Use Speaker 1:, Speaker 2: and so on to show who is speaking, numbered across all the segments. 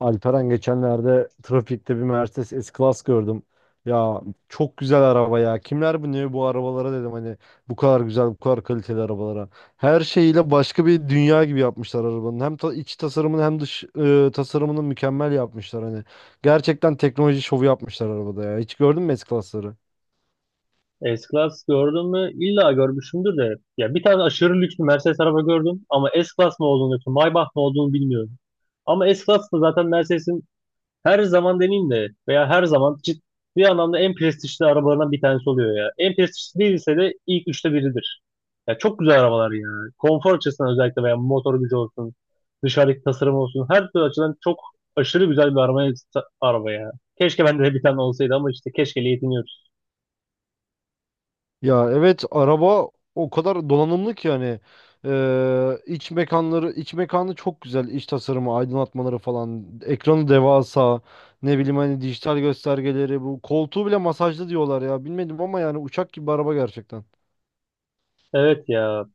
Speaker 1: Alperen geçenlerde trafikte bir Mercedes S-Class gördüm. Ya, çok güzel araba ya. Kimler bu, ne bu arabalara dedim, hani bu kadar güzel, bu kadar kaliteli arabalara. Her şeyiyle başka bir dünya gibi yapmışlar arabanın. Hem iç tasarımını hem dış tasarımını mükemmel yapmışlar hani. Gerçekten teknoloji şovu yapmışlar arabada ya. Hiç gördün mü S-Class'ları?
Speaker 2: S-Class gördüm mü? İlla görmüşümdür de. Ya bir tane aşırı lüks bir Mercedes araba gördüm ama S-Class mı olduğunu, yoksa Maybach mı olduğunu bilmiyorum. Ama S-Class da zaten Mercedes'in her zaman deneyim de veya her zaman ciddi anlamda en prestijli arabalarından bir tanesi oluyor ya. En prestijli değilse de ilk üçte biridir. Ya çok güzel arabalar ya. Konfor açısından özellikle veya motor gücü olsun, dışarıdaki tasarım olsun her türlü açıdan çok aşırı güzel bir araba ya. Keşke bende de bir tane olsaydı ama işte keşkeyle yetiniyoruz.
Speaker 1: Ya evet, araba o kadar donanımlı ki, yani iç mekanları iç mekanı çok güzel, iç tasarımı, aydınlatmaları falan, ekranı devasa, ne bileyim hani dijital göstergeleri, bu koltuğu bile masajlı diyorlar ya, bilmedim, ama yani uçak gibi bir araba gerçekten.
Speaker 2: Evet ya.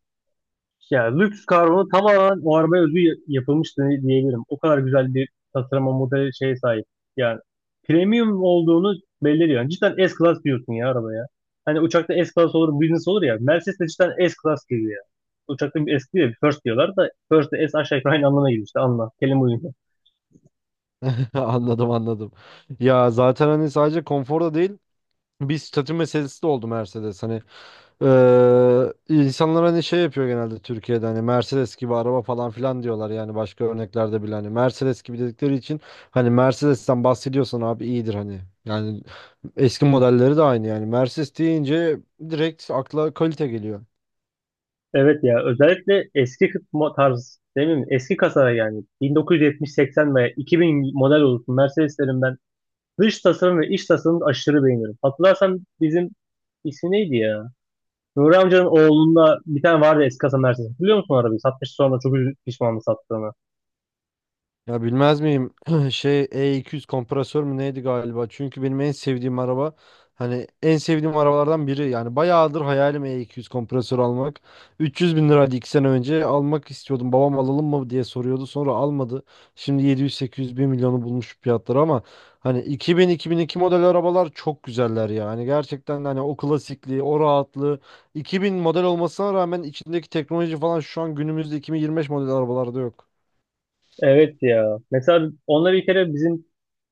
Speaker 2: Ya lüks karbonu tamamen o arabaya özgü yapılmış diyebilirim. O kadar güzel bir tasarıma model şeye sahip. Yani premium olduğunu belli ediyor. Yani cidden S-Class diyorsun ya arabaya. Hani uçakta S-Class olur, business olur ya. Mercedes de cidden S-Class gibi ya. Uçakta bir S diyor, bir first diyorlar da first de S aşağı yukarı aynı anlamına geliyor işte anla. Kelime uyumu.
Speaker 1: Anladım, anladım. Ya zaten hani sadece konforda değil, bir statü meselesi de oldu Mercedes, hani insanlar hani şey yapıyor genelde Türkiye'de, hani "Mercedes gibi araba" falan filan diyorlar. Yani başka örneklerde bile hani Mercedes gibi dedikleri için, hani Mercedes'ten bahsediyorsan abi iyidir hani. Yani eski modelleri de aynı, yani Mercedes deyince direkt akla kalite geliyor.
Speaker 2: Evet ya, özellikle eski tarz değil mi? Eski kasa, yani 1970-80 veya 2000 model olsun Mercedeslerin ben dış tasarım ve iç tasarımı aşırı beğeniyorum. Hatırlarsan bizim ismi neydi ya? Nuri amcanın oğlunda bir tane vardı, eski kasa Mercedes. Biliyor musun arabayı? Satmış, sonra çok pişmanlı sattığını.
Speaker 1: Ya bilmez miyim? Şey, E200 kompresör mü neydi galiba? Çünkü benim en sevdiğim araba, hani en sevdiğim arabalardan biri. Yani bayağıdır hayalim E200 kompresör almak. 300 bin liraydı, 2 sene önce almak istiyordum. Babam alalım mı diye soruyordu. Sonra almadı. Şimdi 700-800 bin milyonu bulmuş fiyatları, ama hani 2000-2002 model arabalar çok güzeller ya. Hani gerçekten de hani o klasikliği, o rahatlığı, 2000 model olmasına rağmen içindeki teknoloji falan şu an günümüzde 2025 model arabalarda yok.
Speaker 2: Evet ya. Mesela onunla bir kere bizim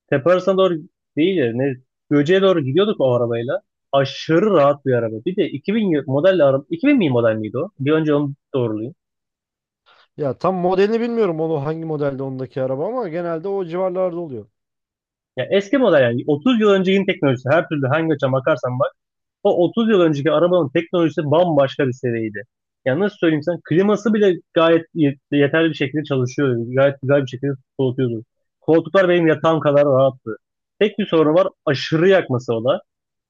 Speaker 2: tepe arasına doğru değil de ne, Göce'ye doğru gidiyorduk o arabayla. Aşırı rahat bir araba. Bir de 2000 model araba. 2000 mi model miydi o? Bir önce onu doğrulayayım.
Speaker 1: Ya tam modelini bilmiyorum, onu hangi modelde ondaki araba, ama genelde o civarlarda oluyor.
Speaker 2: Ya eski model, yani 30 yıl öncekin teknolojisi, her türlü hangi açıdan bakarsan bak, o 30 yıl önceki arabanın teknolojisi bambaşka bir seviyeydi. Yani nasıl söyleyeyim sana, kliması bile gayet yeterli bir şekilde çalışıyordu. Gayet güzel bir şekilde soğutuyordu. Koltuklar benim yatağım kadar rahattı. Tek bir sorunu var, aşırı yakması o da.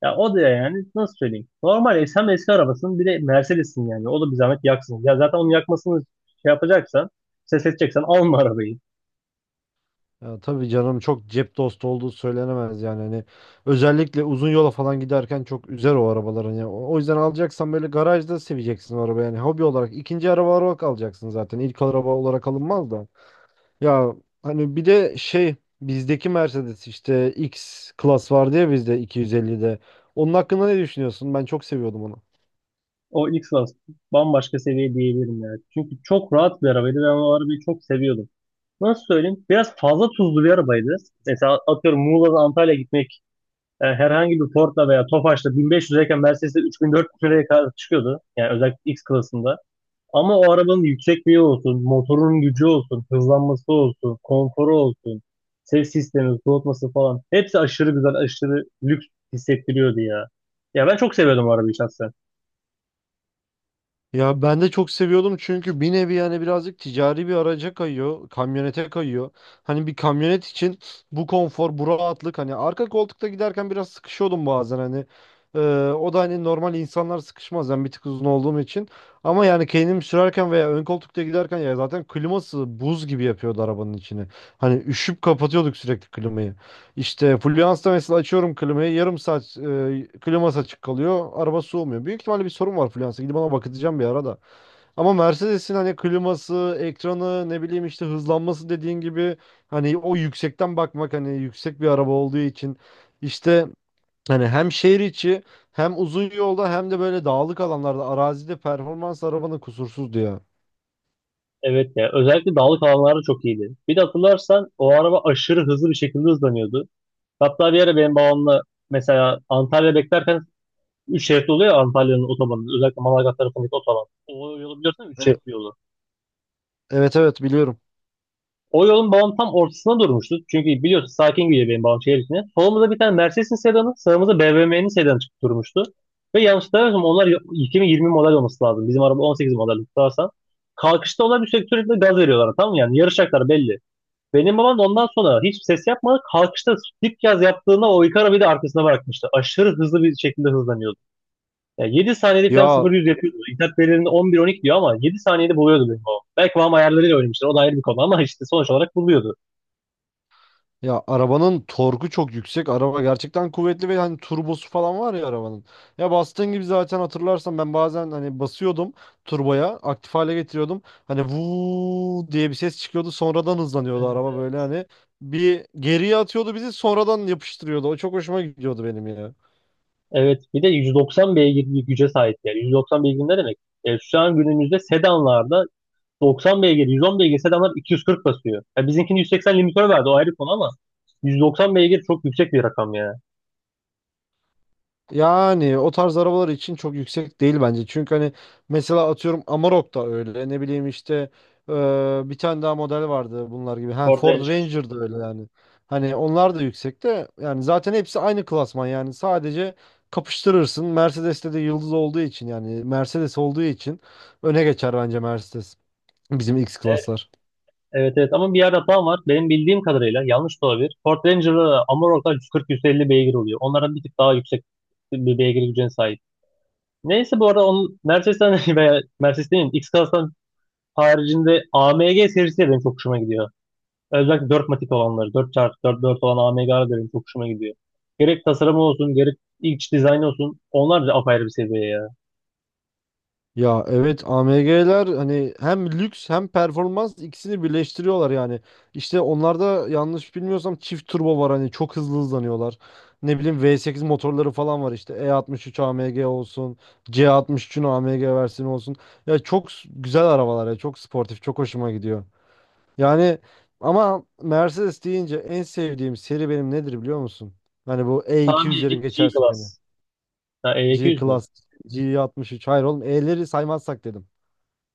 Speaker 2: Ya o da yani nasıl söyleyeyim. Normal eski arabasın, bir de Mercedes'in yani. O da bir zahmet yaksın. Ya zaten onun yakmasını şey yapacaksan, ses edeceksen alma arabayı.
Speaker 1: Ya tabii canım, çok cep dostu olduğu söylenemez yani, hani özellikle uzun yola falan giderken çok üzer o arabaların ya. O yüzden alacaksan böyle garajda seveceksin o araba, yani hobi olarak, ikinci araba olarak alacaksın, zaten ilk araba olarak alınmaz da. Ya, hani bir de şey, bizdeki Mercedes işte X klas vardı ya, bizde 250'de. Onun hakkında ne düşünüyorsun? Ben çok seviyordum onu.
Speaker 2: O X-Class bambaşka seviye diyebilirim yani. Çünkü çok rahat bir arabaydı. Ben o arabayı çok seviyordum. Nasıl söyleyeyim? Biraz fazla tuzlu bir arabaydı. Mesela atıyorum Muğla'dan Antalya'ya gitmek herhangi bir Ford'la veya Tofaş'la 1500 lirayken Mercedes'te 3000-4000 liraya kadar çıkıyordu. Yani özellikle X klasında. Ama o arabanın yüksekliği olsun, motorun gücü olsun, hızlanması olsun, konforu olsun, ses sistemi, soğutması falan. Hepsi aşırı güzel, aşırı lüks hissettiriyordu ya. Ya ben çok seviyordum o arabayı şahsen.
Speaker 1: Ya ben de çok seviyordum, çünkü bir nevi yani birazcık ticari bir araca kayıyor, kamyonete kayıyor. Hani bir kamyonet için bu konfor, bu rahatlık, hani arka koltukta giderken biraz sıkışıyordum bazen hani. Ee, o da hani normal insanlar sıkışmaz, ben bir tık uzun olduğum için. Ama yani kendim sürerken veya ön koltukta giderken, ya zaten kliması buz gibi yapıyordu arabanın içini. Hani üşüp kapatıyorduk sürekli klimayı. İşte Fluence'da mesela açıyorum klimayı, yarım saat kliması açık kalıyor, araba soğumuyor. Büyük ihtimalle bir sorun var Fluence'da, gidip ona bakacağım bir ara da. Ama Mercedes'in hani kliması, ekranı, ne bileyim işte hızlanması, dediğin gibi hani o yüksekten bakmak, hani yüksek bir araba olduğu için, işte hani hem şehir içi, hem uzun yolda, hem de böyle dağlık alanlarda arazide, performans arabanın kusursuzdu ya.
Speaker 2: Evet ya, özellikle dağlık alanlarda çok iyiydi. Bir de hatırlarsan o araba aşırı hızlı bir şekilde hızlanıyordu. Hatta bir ara benim babamla, mesela Antalya beklerken, 3 şeritli oluyor ya Antalya'nın otobanı. Özellikle Manavgat tarafındaki otoban. O yolu biliyorsun, 3 şeritli
Speaker 1: E-
Speaker 2: yolu.
Speaker 1: Evet, evet, biliyorum.
Speaker 2: O yolun babam tam ortasına durmuştu. Çünkü biliyorsun sakin gidiyor benim babam şehir içine. Solumuzda bir tane Mercedes'in sedanı, sağımızda BMW'nin sedanı çıkıp durmuştu. Ve yanlış hatırlamıyorsam onlar 2020 model olması lazım. Bizim araba 18 model tutarsan. Kalkışta onlar bir sürekli gaz veriyorlar, tamam mı? Yani yarışacaklar belli. Benim babam da ondan sonra hiç ses yapmadı. Kalkışta dip yaz yaptığında o ilk arabayı da arkasına bırakmıştı. Aşırı hızlı bir şekilde hızlanıyordu. Yani 7 saniyede
Speaker 1: Ya
Speaker 2: falan 0-100 yapıyordu. İnternet verilerinde 11 12 diyor ama 7 saniyede buluyordu benim babam. Belki babam ayarlarıyla oynamıştır. O da ayrı bir konu ama işte sonuç olarak buluyordu.
Speaker 1: Ya arabanın torku çok yüksek. Araba gerçekten kuvvetli ve hani turbosu falan var ya arabanın. Ya bastığın gibi zaten, hatırlarsan ben bazen hani basıyordum turboya, aktif hale getiriyordum. Hani vuu diye bir ses çıkıyordu, sonradan hızlanıyordu
Speaker 2: Evet,
Speaker 1: araba böyle
Speaker 2: evet.
Speaker 1: hani. Bir geriye atıyordu bizi, sonradan yapıştırıyordu. O çok hoşuma gidiyordu benim ya.
Speaker 2: Evet bir de 190 beygir bir güce sahip yani. 190 beygir ne demek? E, şu an günümüzde sedanlarda 90 beygir, 110 beygir sedanlar 240 basıyor. Ya bizimkini 180 limitör verdi, o ayrı konu ama 190 beygir çok yüksek bir rakam ya.
Speaker 1: Yani o tarz arabalar için çok yüksek değil bence, çünkü hani mesela atıyorum Amarok da öyle. Ne bileyim işte bir tane daha model vardı bunlar gibi. Ha,
Speaker 2: Ford
Speaker 1: Ford
Speaker 2: Ranger.
Speaker 1: Ranger da öyle yani. Hani onlar da yüksek de, yani zaten hepsi aynı klasman, yani sadece kapıştırırsın. Mercedes'te de yıldız olduğu için, yani Mercedes olduğu için öne geçer bence Mercedes. Bizim X klaslar.
Speaker 2: Evet evet, ama bir yerde hatam var. Benim bildiğim kadarıyla yanlış da olabilir. Ford Ranger'da Amarok'ta 140-150 beygir oluyor. Onların bir tık daha yüksek bir beygir gücüne sahip. Neyse, bu arada onun Mercedes'ten veya Mercedes demeyeyim X-Class'tan haricinde AMG serisi de benim çok hoşuma gidiyor. Özellikle 4 matik olanları, 4 dört dört olan AMG'ler de benim çok hoşuma gidiyor. Gerek tasarımı olsun, gerek iç dizaynı olsun, onlar da apayrı bir seviye ya.
Speaker 1: Ya evet, AMG'ler hani hem lüks hem performans, ikisini birleştiriyorlar yani. İşte onlarda yanlış bilmiyorsam çift turbo var, hani çok hızlı hızlanıyorlar. Ne bileyim V8 motorları falan var, işte E63 AMG olsun, C63'ün AMG versiyonu olsun. Ya çok güzel arabalar ya, çok sportif, çok hoşuma gidiyor. Yani, ama Mercedes deyince en sevdiğim seri benim nedir biliyor musun? Hani bu
Speaker 2: Tahmin edeyim,
Speaker 1: E200'leri geçersek hani,
Speaker 2: G-Class. Ha, E200 mü?
Speaker 1: G-Class, G63. Hayır oğlum, E'leri saymazsak dedim.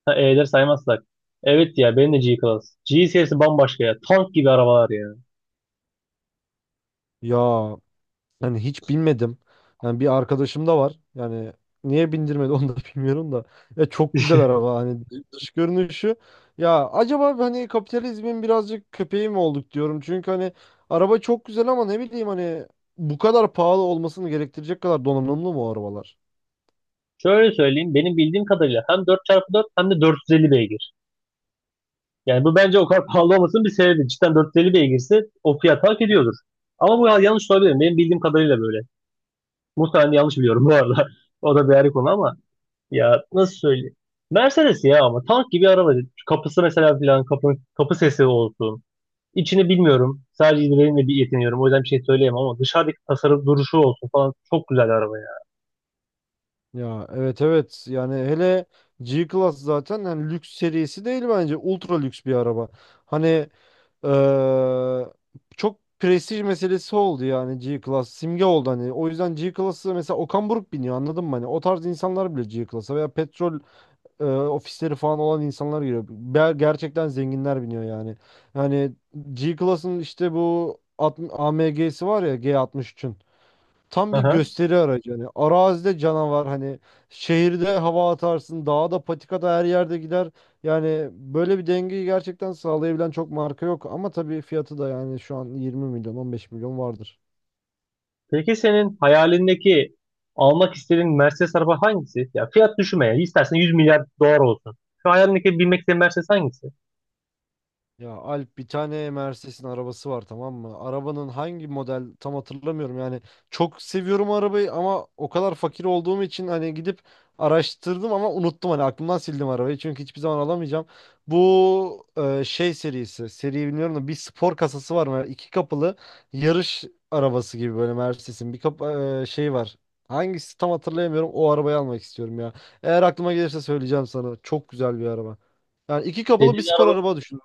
Speaker 2: Ha, E'leri saymazsak. Evet ya benim de G-Class. G serisi bambaşka ya. Tank gibi arabalar ya.
Speaker 1: Ya, yani hiç binmedim. Yani bir arkadaşım da var. Yani niye bindirmedi onu da bilmiyorum da. Ya çok güzel araba, hani dış görünüşü. Ya acaba hani kapitalizmin birazcık köpeği mi olduk diyorum? Çünkü hani araba çok güzel, ama ne bileyim hani bu kadar pahalı olmasını gerektirecek kadar donanımlı mı o arabalar?
Speaker 2: Şöyle söyleyeyim, benim bildiğim kadarıyla hem 4x4 hem de 450 beygir. Yani bu bence o kadar pahalı olmasının bir sebebi. Cidden 450 beygirse o fiyat hak ediyordur. Ama bu yanlış olabilir. Benim bildiğim kadarıyla böyle. Muhtemelen yanlış biliyorum bu arada. O da bir ayrı konu ama ya nasıl söyleyeyim. Mercedes ya ama tank gibi araba. Kapısı mesela filan kapı, kapı sesi olsun. İçini bilmiyorum. Sadece izlediğimle bir yetiniyorum. O yüzden bir şey söyleyemem ama dışarıdaki tasarım, duruşu olsun falan, çok güzel araba ya.
Speaker 1: Ya evet, evet, yani hele G-Class zaten hani lüks serisi değil bence, ultra lüks bir araba. Hani eee, çok prestij meselesi oldu yani, G-Class simge oldu hani. O yüzden G-Class'ı mesela Okan Buruk biniyor, anladın mı hani? O tarz insanlar bile G-Class'a, veya petrol ofisleri falan olan insanlar giriyor. Gerçekten zenginler biniyor yani. Yani G-Class'ın işte bu AMG'si var ya, G63'ün. Tam bir
Speaker 2: Aha.
Speaker 1: gösteri aracı. Hani arazide canavar, hani şehirde hava atarsın, dağda, patikada, her yerde gider. Yani böyle bir dengeyi gerçekten sağlayabilen çok marka yok. Ama tabii fiyatı da, yani şu an 20 milyon, 15 milyon vardır.
Speaker 2: Peki senin hayalindeki almak istediğin Mercedes araba hangisi? Ya fiyat düşünme ya. İstersen 100 milyar dolar olsun. Şu hayalindeki binmek istediğin Mercedes hangisi?
Speaker 1: Ya Alp, bir tane Mercedes'in arabası var, tamam mı? Arabanın hangi model tam hatırlamıyorum yani. Çok seviyorum arabayı, ama o kadar fakir olduğum için hani gidip araştırdım ama unuttum, hani aklımdan sildim arabayı, çünkü hiçbir zaman alamayacağım. Bu şey serisi, seriyi bilmiyorum da, bir spor kasası var mı? İki kapılı yarış arabası gibi böyle Mercedes'in bir kap şey var. Hangisi tam hatırlayamıyorum. O arabayı almak istiyorum ya. Eğer aklıma gelirse söyleyeceğim sana. Çok güzel bir araba. Yani iki kapılı bir
Speaker 2: Dediğin
Speaker 1: spor
Speaker 2: araba,
Speaker 1: araba düşün.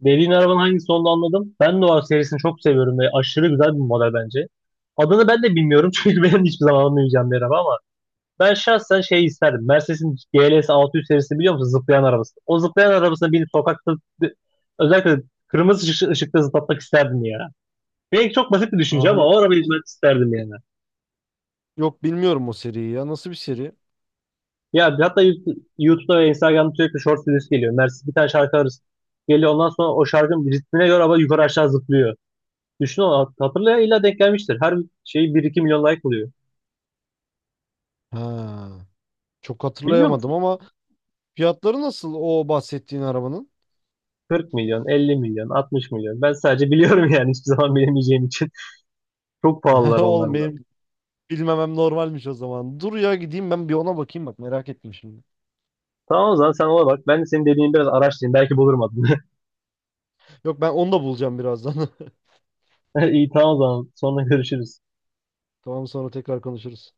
Speaker 2: dediğin arabanın hangisi olduğunu anladım. Ben de o serisini çok seviyorum ve aşırı güzel bir model bence. Adını ben de bilmiyorum çünkü ben hiçbir zaman anlamayacağım bir araba ama ben şahsen şey isterdim. Mercedes'in GLS 600 serisini biliyor musun? Zıplayan arabası. O zıplayan arabasını binip sokakta özellikle kırmızı ışıkta zıplatmak isterdim ya. Belki çok basit bir düşünce
Speaker 1: Aa,
Speaker 2: ama
Speaker 1: hayır.
Speaker 2: o arabayı izlemek isterdim yani.
Speaker 1: Yok, bilmiyorum o seriyi ya. Nasıl bir seri?
Speaker 2: Ya hatta YouTube'da ve Instagram'da sürekli short videosu geliyor. Mercedes bir tane şarkı arası geliyor. Ondan sonra o şarkının ritmine göre araba yukarı aşağı zıplıyor. Düşün, o hatırlaya illa denk gelmiştir. Her şey bir iki milyon like oluyor.
Speaker 1: Ha. Çok
Speaker 2: Bilmiyor
Speaker 1: hatırlayamadım,
Speaker 2: musun?
Speaker 1: ama fiyatları nasıl o bahsettiğin arabanın?
Speaker 2: 40 milyon, 50 milyon, 60 milyon. Ben sadece biliyorum yani hiçbir zaman bilemeyeceğim için. Çok pahalılar
Speaker 1: Oğlum,
Speaker 2: onlar
Speaker 1: çok
Speaker 2: da.
Speaker 1: benim bilmemem normalmiş o zaman. Dur ya, gideyim ben bir ona bakayım, bak merak ettim şimdi.
Speaker 2: Tamam, o zaman sen ona bak. Ben de senin dediğin biraz araştırayım. Belki bulurum adını.
Speaker 1: Yok, ben onu da bulacağım birazdan.
Speaker 2: İyi tamam, o zaman. Sonra görüşürüz.
Speaker 1: Tamam, sonra tekrar konuşuruz.